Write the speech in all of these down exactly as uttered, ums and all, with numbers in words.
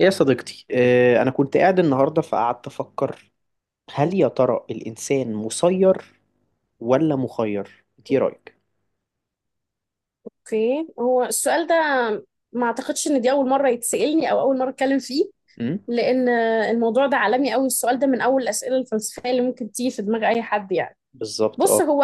يا صديقتي، آه، أنا كنت قاعد النهاردة فقعدت أفكر، هل يا ترى الإنسان مسير ولا مخير؟ إنت إيه رأيك؟ اوكي، هو السؤال ده. ما اعتقدش ان دي اول مره يتسالني او اول مره اتكلم فيه، أمم. لان الموضوع ده عالمي قوي. السؤال ده من اول الاسئله الفلسفيه اللي ممكن تيجي في دماغ اي حد يعني. بالظبط، بص، أه. هو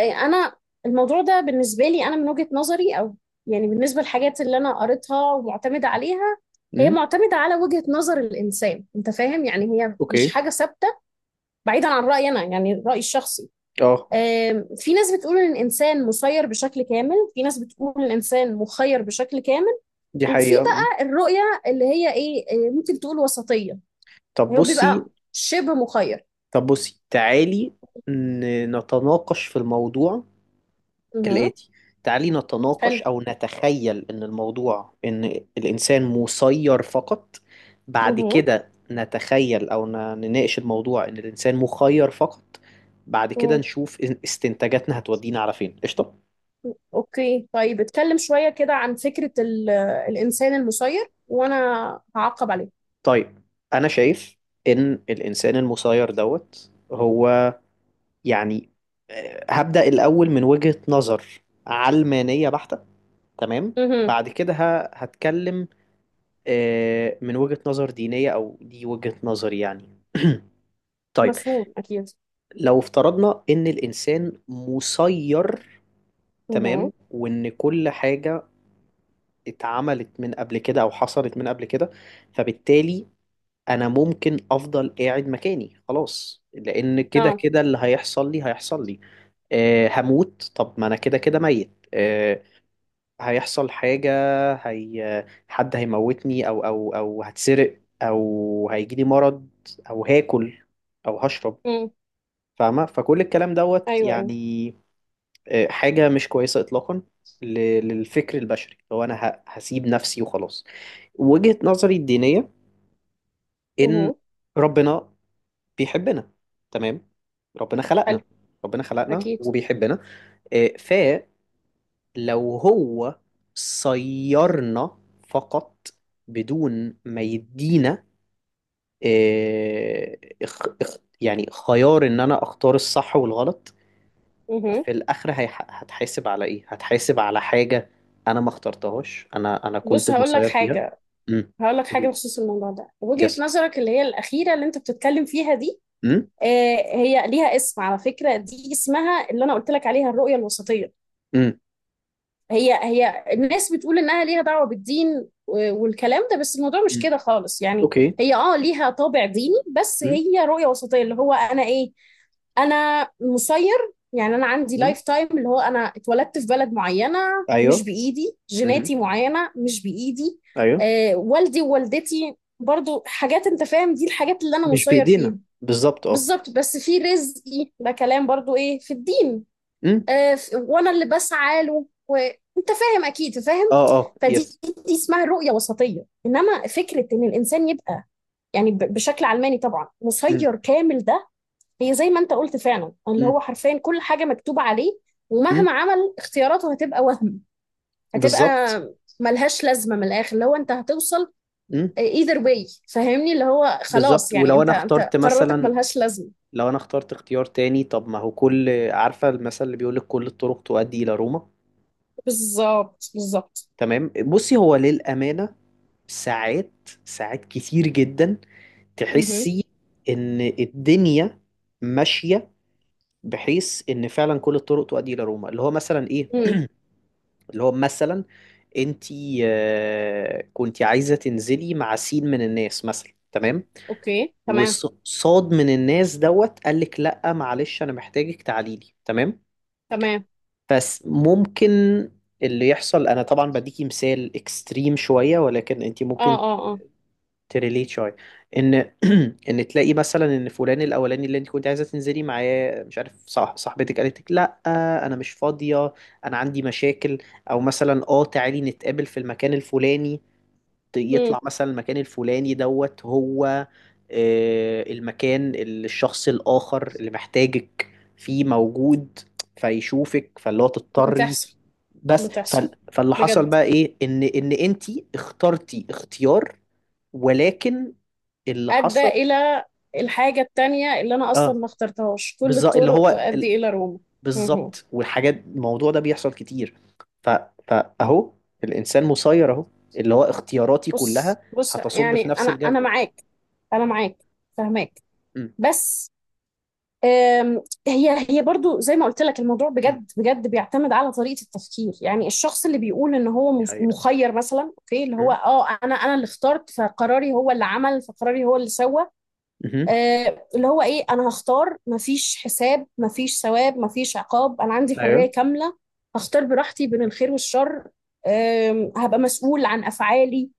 آه، انا الموضوع ده بالنسبه لي انا، من وجهه نظري، او يعني بالنسبه للحاجات اللي انا قريتها ومعتمده عليها، هي أمم. معتمده على وجهه نظر الانسان. انت فاهم؟ يعني هي مش أوكي. حاجه ثابته. بعيدا عن رايي انا، يعني رايي الشخصي، أه. آم، في ناس بتقول ان الانسان مسير بشكل كامل، في ناس بتقول ان الانسان مخير بشكل كامل. دي وفي حقيقة، آه. بقى الرؤية اللي هي ايه، آه، ممكن تقول وسطية. طب هو بيبقى بصي شبه مخير. طب بصي، تعالي ن- نتناقش في الموضوع اها. كالآتي. تعالي نتناقش حلو. أو نتخيل إن الموضوع إن الإنسان مسير فقط، بعد اها. كده نتخيل أو ن- نناقش الموضوع إن الإنسان مخير فقط، بعد كده أمم. نشوف إن- استنتاجاتنا هتودينا على فين. قشطة. اوكي، طيب اتكلم شوية كده عن فكرة ال- الانسان المسير، وانا هعقب عليه. طيب، أنا شايف إن الإنسان المسير دوت هو يعني آه، هبدأ الأول من وجهة نظر علمانية بحتة، تمام. اها. بعد كده ه- هتكلم آه، من وجهة نظر دينية، أو دي وجهة نظري يعني. طيب، مفهوم اكيد. لو افترضنا إن الإنسان مسير، اها. تمام، وإن كل حاجة اتعملت من قبل كده أو حصلت من قبل كده، فبالتالي أنا ممكن أفضل قاعد مكاني خلاص، لأن كده اه. كده اللي هيحصل لي هيحصل لي. آه، هموت، طب ما أنا كده كده ميت. آه، هيحصل حاجة، هي حد هيموتني أو أو أو هتسرق، أو هيجيلي مرض، أو هاكل، أو هشرب. أمم. فاهمة؟ فكل الكلام دوت ايوه ايوه. يعني آه، حاجة مش كويسة إطلاقا ل- للفكر البشري، لو أنا ه- هسيب نفسي وخلاص. وجهة نظري الدينية إن اها. ربنا بيحبنا، تمام. ربنا حلو. خلقنا، ربنا خلقنا اكيد. وبيحبنا. لو هو صيرنا فقط بدون ما يدينا آه، اخ اخ يعني خيار ان انا اختار الصح والغلط، اها. في الاخر هيح- هتحاسب على ايه؟ هتحاسب على حاجة انا ما اخترتهاش، انا انا كنت بص، هقول لك مسير فيها. حاجة امم. هقول لك حاجة قولي. بخصوص الموضوع ده. وجهة يس. نظرك اللي هي الأخيرة اللي أنت بتتكلم فيها دي، امم. آه، هي ليها اسم على فكرة. دي اسمها، اللي أنا قلت لك عليها، الرؤية الوسطية. امم. هي هي الناس بتقول إنها ليها دعوة بالدين و- والكلام ده، بس الموضوع مش أمم. كده خالص يعني. اوكي. هي اه ليها طابع ديني، بس امم. هي رؤية وسطية. اللي هو أنا إيه، انا مسير، يعني انا عندي أمم. لايف تايم. اللي هو انا اتولدت في بلد معينه، مش ايوه. بايدي. امم. جيناتي معينه، مش بايدي. ايوه. آه والدي ووالدتي، برضو حاجات. انت فاهم؟ دي الحاجات اللي انا مش مسير فيها. بايدينا بالظبط، اه. بالظبط. بس في رزقي، ده كلام برضو ايه في الدين. امم. آه ف- وانا اللي بسعى له. وانت فاهم، اكيد فاهم. اه، اه، فدي، يس. دي اسمها رؤيه وسطيه. انما فكره ان الانسان يبقى يعني ب- بشكل علماني طبعا امم. مسير كامل، ده هي زي ما انت قلت فعلا. اللي هو حرفيا كل حاجة مكتوبة عليه، امم. ومهما عمل اختياراته هتبقى وهم. هتبقى بالظبط. ملهاش لازمة. من الآخر اللي هو انت هتوصل امم. either way. فاهمني؟ اللي هو خلاص، بالظبط. يعني ولو انت انا انت اخترت قراراتك مثلا، ملهاش لازمة. لو انا اخترت اختيار تاني، طب ما هو كل، عارفه المثل اللي بيقول لك كل الطرق تؤدي الى روما؟ بالظبط بالظبط. تمام. بصي، هو للامانه ساعات، ساعات كتير جدا امم تحسي ان الدنيا ماشيه بحيث ان فعلا كل الطرق تؤدي الى روما. اللي هو مثلا ايه؟ امم. اللي هو مثلا انتي آه، كنتي عايزه تنزلي مع سين من الناس مثلا، تمام. اوكي تمام وصاد من الناس دوت قال لك لا معلش، انا محتاجك، تعالي لي، تمام. تمام. بس ممكن اللي يحصل، انا طبعا بديكي مثال اكستريم شويه، ولكن انت اه ممكن اه اه. تريليت شويه، ان ان تلاقي مثلا ان فلان الاولاني اللي انت كنت عايزه تنزلي معاه، مش عارف، صح، صاحبتك قالت لك لا، انا مش فاضيه، انا عندي مشاكل، او مثلا اه تعالي نتقابل في المكان الفلاني. امم. يطلع مثلا المكان الفلاني دوت هو آه، المكان اللي الشخص الآخر اللي محتاجك فيه موجود، فيشوفك، فاللي هو تضطري. بتحصل. بس بتحصل فال- فاللي حصل بجد. بقى ايه؟ ان ان انتي اخترتي اختيار، ولكن اللي أدى حصل، إلى الحاجة التانية اللي أنا أصلا اه. ما اخترتهاش. كل بالظبط، اللي الطرق هو ال- تؤدي إلى روما. مهم. بالظبط، والحاجات، الموضوع ده بيحصل كتير. ف... فاهو الانسان مسير اهو، اللي هو اختياراتي بص كلها بص، هتصب في يعني نفس انا انا الجردل. معاك. انا معاك، فهماك. امم. بس آم، هي هي برضو زي ما قلت لك، الموضوع امم. بجد بجد بيعتمد على طريقة التفكير. يعني الشخص اللي بيقول ان هو دي مس- حقيقة. مخير مثلا، اوكي، اللي هو مم. اه انا انا اللي اخترت فقراري، هو اللي عمل فقراري، هو اللي سوى. مهم. آه، اللي هو ايه، انا هختار. مفيش حساب، مفيش ثواب، مفيش عقاب. انا عندي ايوه، حرية كاملة، هختار براحتي بين الخير والشر. آم، هبقى مسؤول عن افعالي.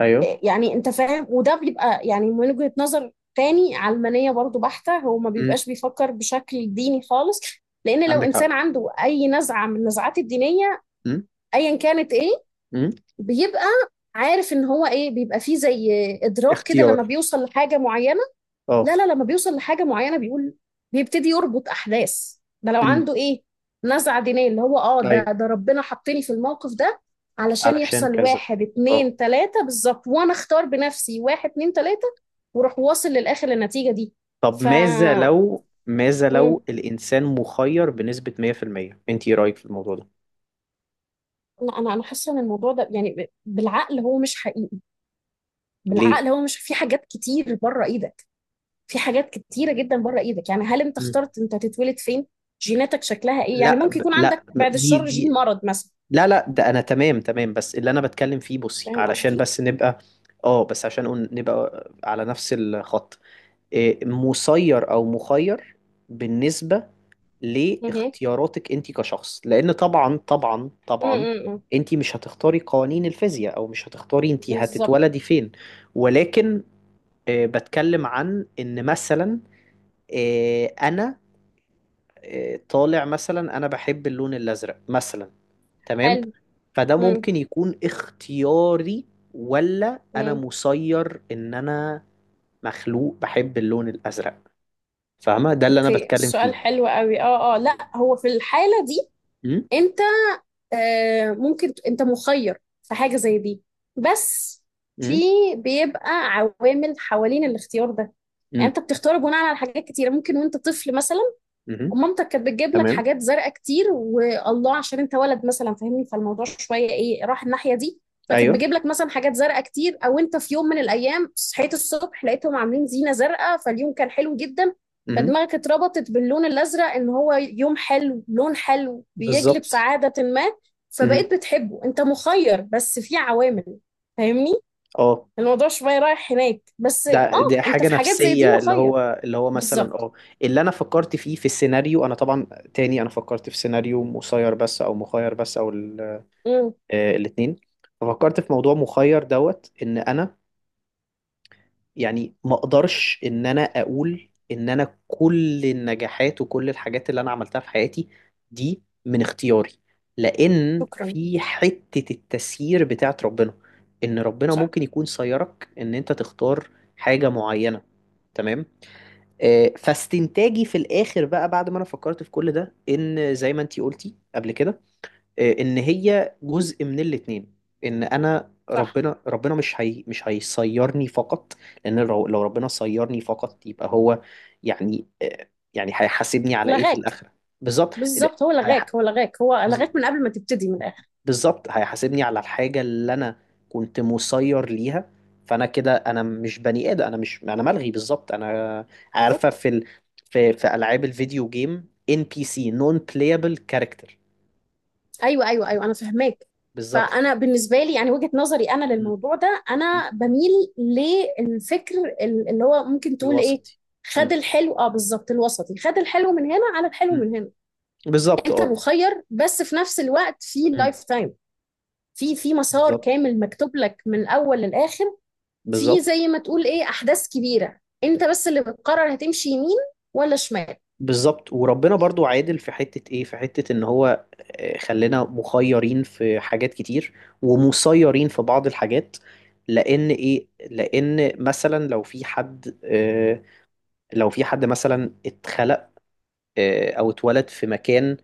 ايوه. يعني انت فاهم. وده بيبقى يعني من وجهة نظر تاني علمانية برضو بحتة. هو ما مم. بيبقاش بيفكر بشكل ديني خالص. لان لو عندك حق. انسان عنده اي نزعة من النزعات الدينية، مم. ايا كانت ايه، مم. بيبقى عارف ان هو ايه، بيبقى فيه زي ادراك كده لما اختيار، بيوصل لحاجة معينة. اه. لا لا، لما بيوصل لحاجة معينة بيقول، بيبتدي يربط أحداث. ده لو مم. عنده إيه نزعة دينية اللي هو آه، ده ايوه، ده ربنا حطني في الموقف ده علشان علشان يحصل كذا، واحد اه. اتنين تلاتة بالظبط، وأنا أختار بنفسي واحد اتنين تلاتة، وأروح واصل للآخر، للنتيجة دي. طب، ف ماذا لو ماذا لو مم. الانسان مخير بنسبة مية في المية، انت ايه رايك في الموضوع ده؟ لا، أنا أنا حاسة إن الموضوع ده يعني ب- بالعقل هو مش حقيقي. ليه؟ بالعقل هو مش، في حاجات كتير بره إيدك. في حاجات كتيرة جدا بره ايدك. يعني هل انت مم. اخترت انت تتولد فين؟ جيناتك شكلها ايه؟ يعني لا ممكن ب... يكون لا عندك بعد ب- دي الشر جين دي مرض مثلا. لا، لا، ده انا تمام تمام، بس اللي انا بتكلم فيه، بصي فاهم علشان قصدي؟ بس نبقى، اه، بس عشان نقول- نبقى على نفس الخط. آه، مسير او مخير بالنسبه مهم. لاختياراتك انت كشخص، لان طبعا طبعا مم، طبعا مم، مم. انت مش هتختاري قوانين الفيزياء، او مش هتختاري انت بالظبط. هتتولدي فين، ولكن آه، بتكلم عن ان مثلا آه، انا آه، طالع مثلا انا بحب اللون الازرق مثلا، تمام. حلو. فده مم، ممكن يكون اختياري، ولا انا مم. مسير ان انا مخلوق بحب اللون الازرق؟ فاهمة ده اللي أنا اوكي، بتكلم السؤال فيه؟ حلو قوي. اه اه. لا، هو في الحالة دي مم. انت آه ممكن ت- انت مخير في حاجة زي دي. بس في، امم. بيبقى عوامل حوالين الاختيار ده. امم. يعني امم. انت بتختار بناء على حاجات كتيرة. ممكن وانت طفل مثلا امم. ومامتك كانت بتجيب لك تمام. حاجات زرقاء كتير، والله عشان انت ولد مثلا. فاهمني؟ فالموضوع شويه ايه، راح الناحيه دي. فكانت ايوه. بتجيب لك مثلا حاجات زرقاء كتير، او انت في يوم من الايام صحيت الصبح لقيتهم عاملين زينه زرقاء، فاليوم كان حلو جدا. امم. فدماغك اتربطت باللون الازرق ان هو يوم حلو، لون حلو بيجلب بالظبط. سعاده ما. امم. فبقيت بتحبه. انت مخير، بس في عوامل. فاهمني؟ اه، الموضوع شويه رايح هناك. بس اه، ده دي انت حاجه في حاجات زي دي نفسيه، اللي مخير. هو اللي هو مثلا، بالظبط. اه، اللي انا فكرت فيه في السيناريو، انا طبعا تاني انا فكرت في سيناريو مسير بس، او مخير بس، او امم. الاثنين، ففكرت في موضوع مخير دوت ان انا يعني ما اقدرش ان انا اقول ان انا كل النجاحات وكل الحاجات اللي انا عملتها في حياتي دي من اختياري، لان شكرا. في حتة التسيير بتاعت ربنا، ان ربنا صح. ممكن يكون سيرك ان انت تختار حاجة معينة، تمام. آه، فاستنتاجي في الاخر بقى بعد ما انا فكرت في كل ده، ان زي ما انتي قلتي قبل كده آه، ان هي جزء من الاتنين، ان انا، صح. ربنا ربنا مش، هي مش هيصيرني فقط، لان لو لو ربنا صيرني فقط، يبقى هو يعني آه، يعني هيحاسبني على ايه في لغاك. الاخره؟ بالظبط، لا. بالظبط، هو هيح- لغاك، هو لغاك، هو بز- لغاك من قبل ما تبتدي. من الاخر بالظبط، هيحاسبني على الحاجه اللي انا كنت مسير ليها، فانا كده انا مش بني ادم، انا مش، انا ملغي بالظبط، انا عارفه بالظبط. في ال... في في العاب الفيديو جيم ان بي سي، نون بلايبل كاركتر. ايوه ايوه ايوه، انا فهماك. بالظبط، فانا بالنسبه لي، يعني وجهه نظري انا للموضوع ده، انا بميل للفكر ال- اللي هو ممكن تقول ايه، الوسطي. خد مم. الحلو. اه بالظبط، الوسطي. خد الحلو من هنا على الحلو مم. من هنا. بالظبط، انت اه. مخير، بس في نفس الوقت في مم. لايف تايم. في في مسار بالظبط، كامل مكتوب لك من الاول للاخر. في بالظبط، زي ما تقول ايه، احداث كبيره انت بس اللي بتقرر هتمشي يمين ولا شمال. بالظبط، وربنا برضو عادل في حتة ايه، في حتة ان هو آه، خلينا مخيرين في حاجات كتير ومسيرين في بعض الحاجات، لان ايه، لان مثلا لو في حد آه، لو في حد مثلا اتخلق آه، او اتولد في مكان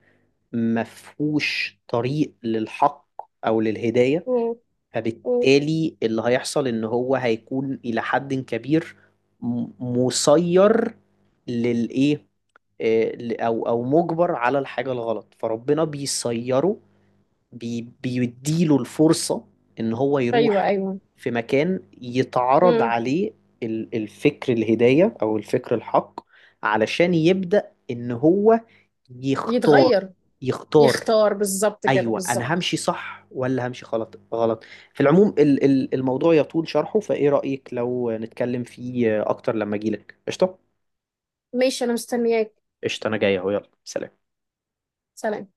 مفهوش طريق للحق او للهداية، مم. فبالتالي اللي هيحصل ان هو هيكون الى حد كبير م- مسير للايه، آه، ل- او او مجبر على الحاجه الغلط، فربنا بيسيره، بي بيديله الفرصه ان هو ايوه يروح ايوه. في مكان يتعرض امم. عليه ال- الفكر، الهدايه او الفكر الحق، علشان يبدا ان هو يختار، يتغير. يختار. يختار بالظبط كده، ايوه، انا بالظبط. همشي صح ولا همشي غلط غلط. في العموم ال- ال- الموضوع يطول شرحه، فايه رأيك لو نتكلم فيه اكتر لما اجيلك؟ قشطة. ماشي، انا مستنياك. قشطة، انا جاي اهو، يلا سلام. سلام.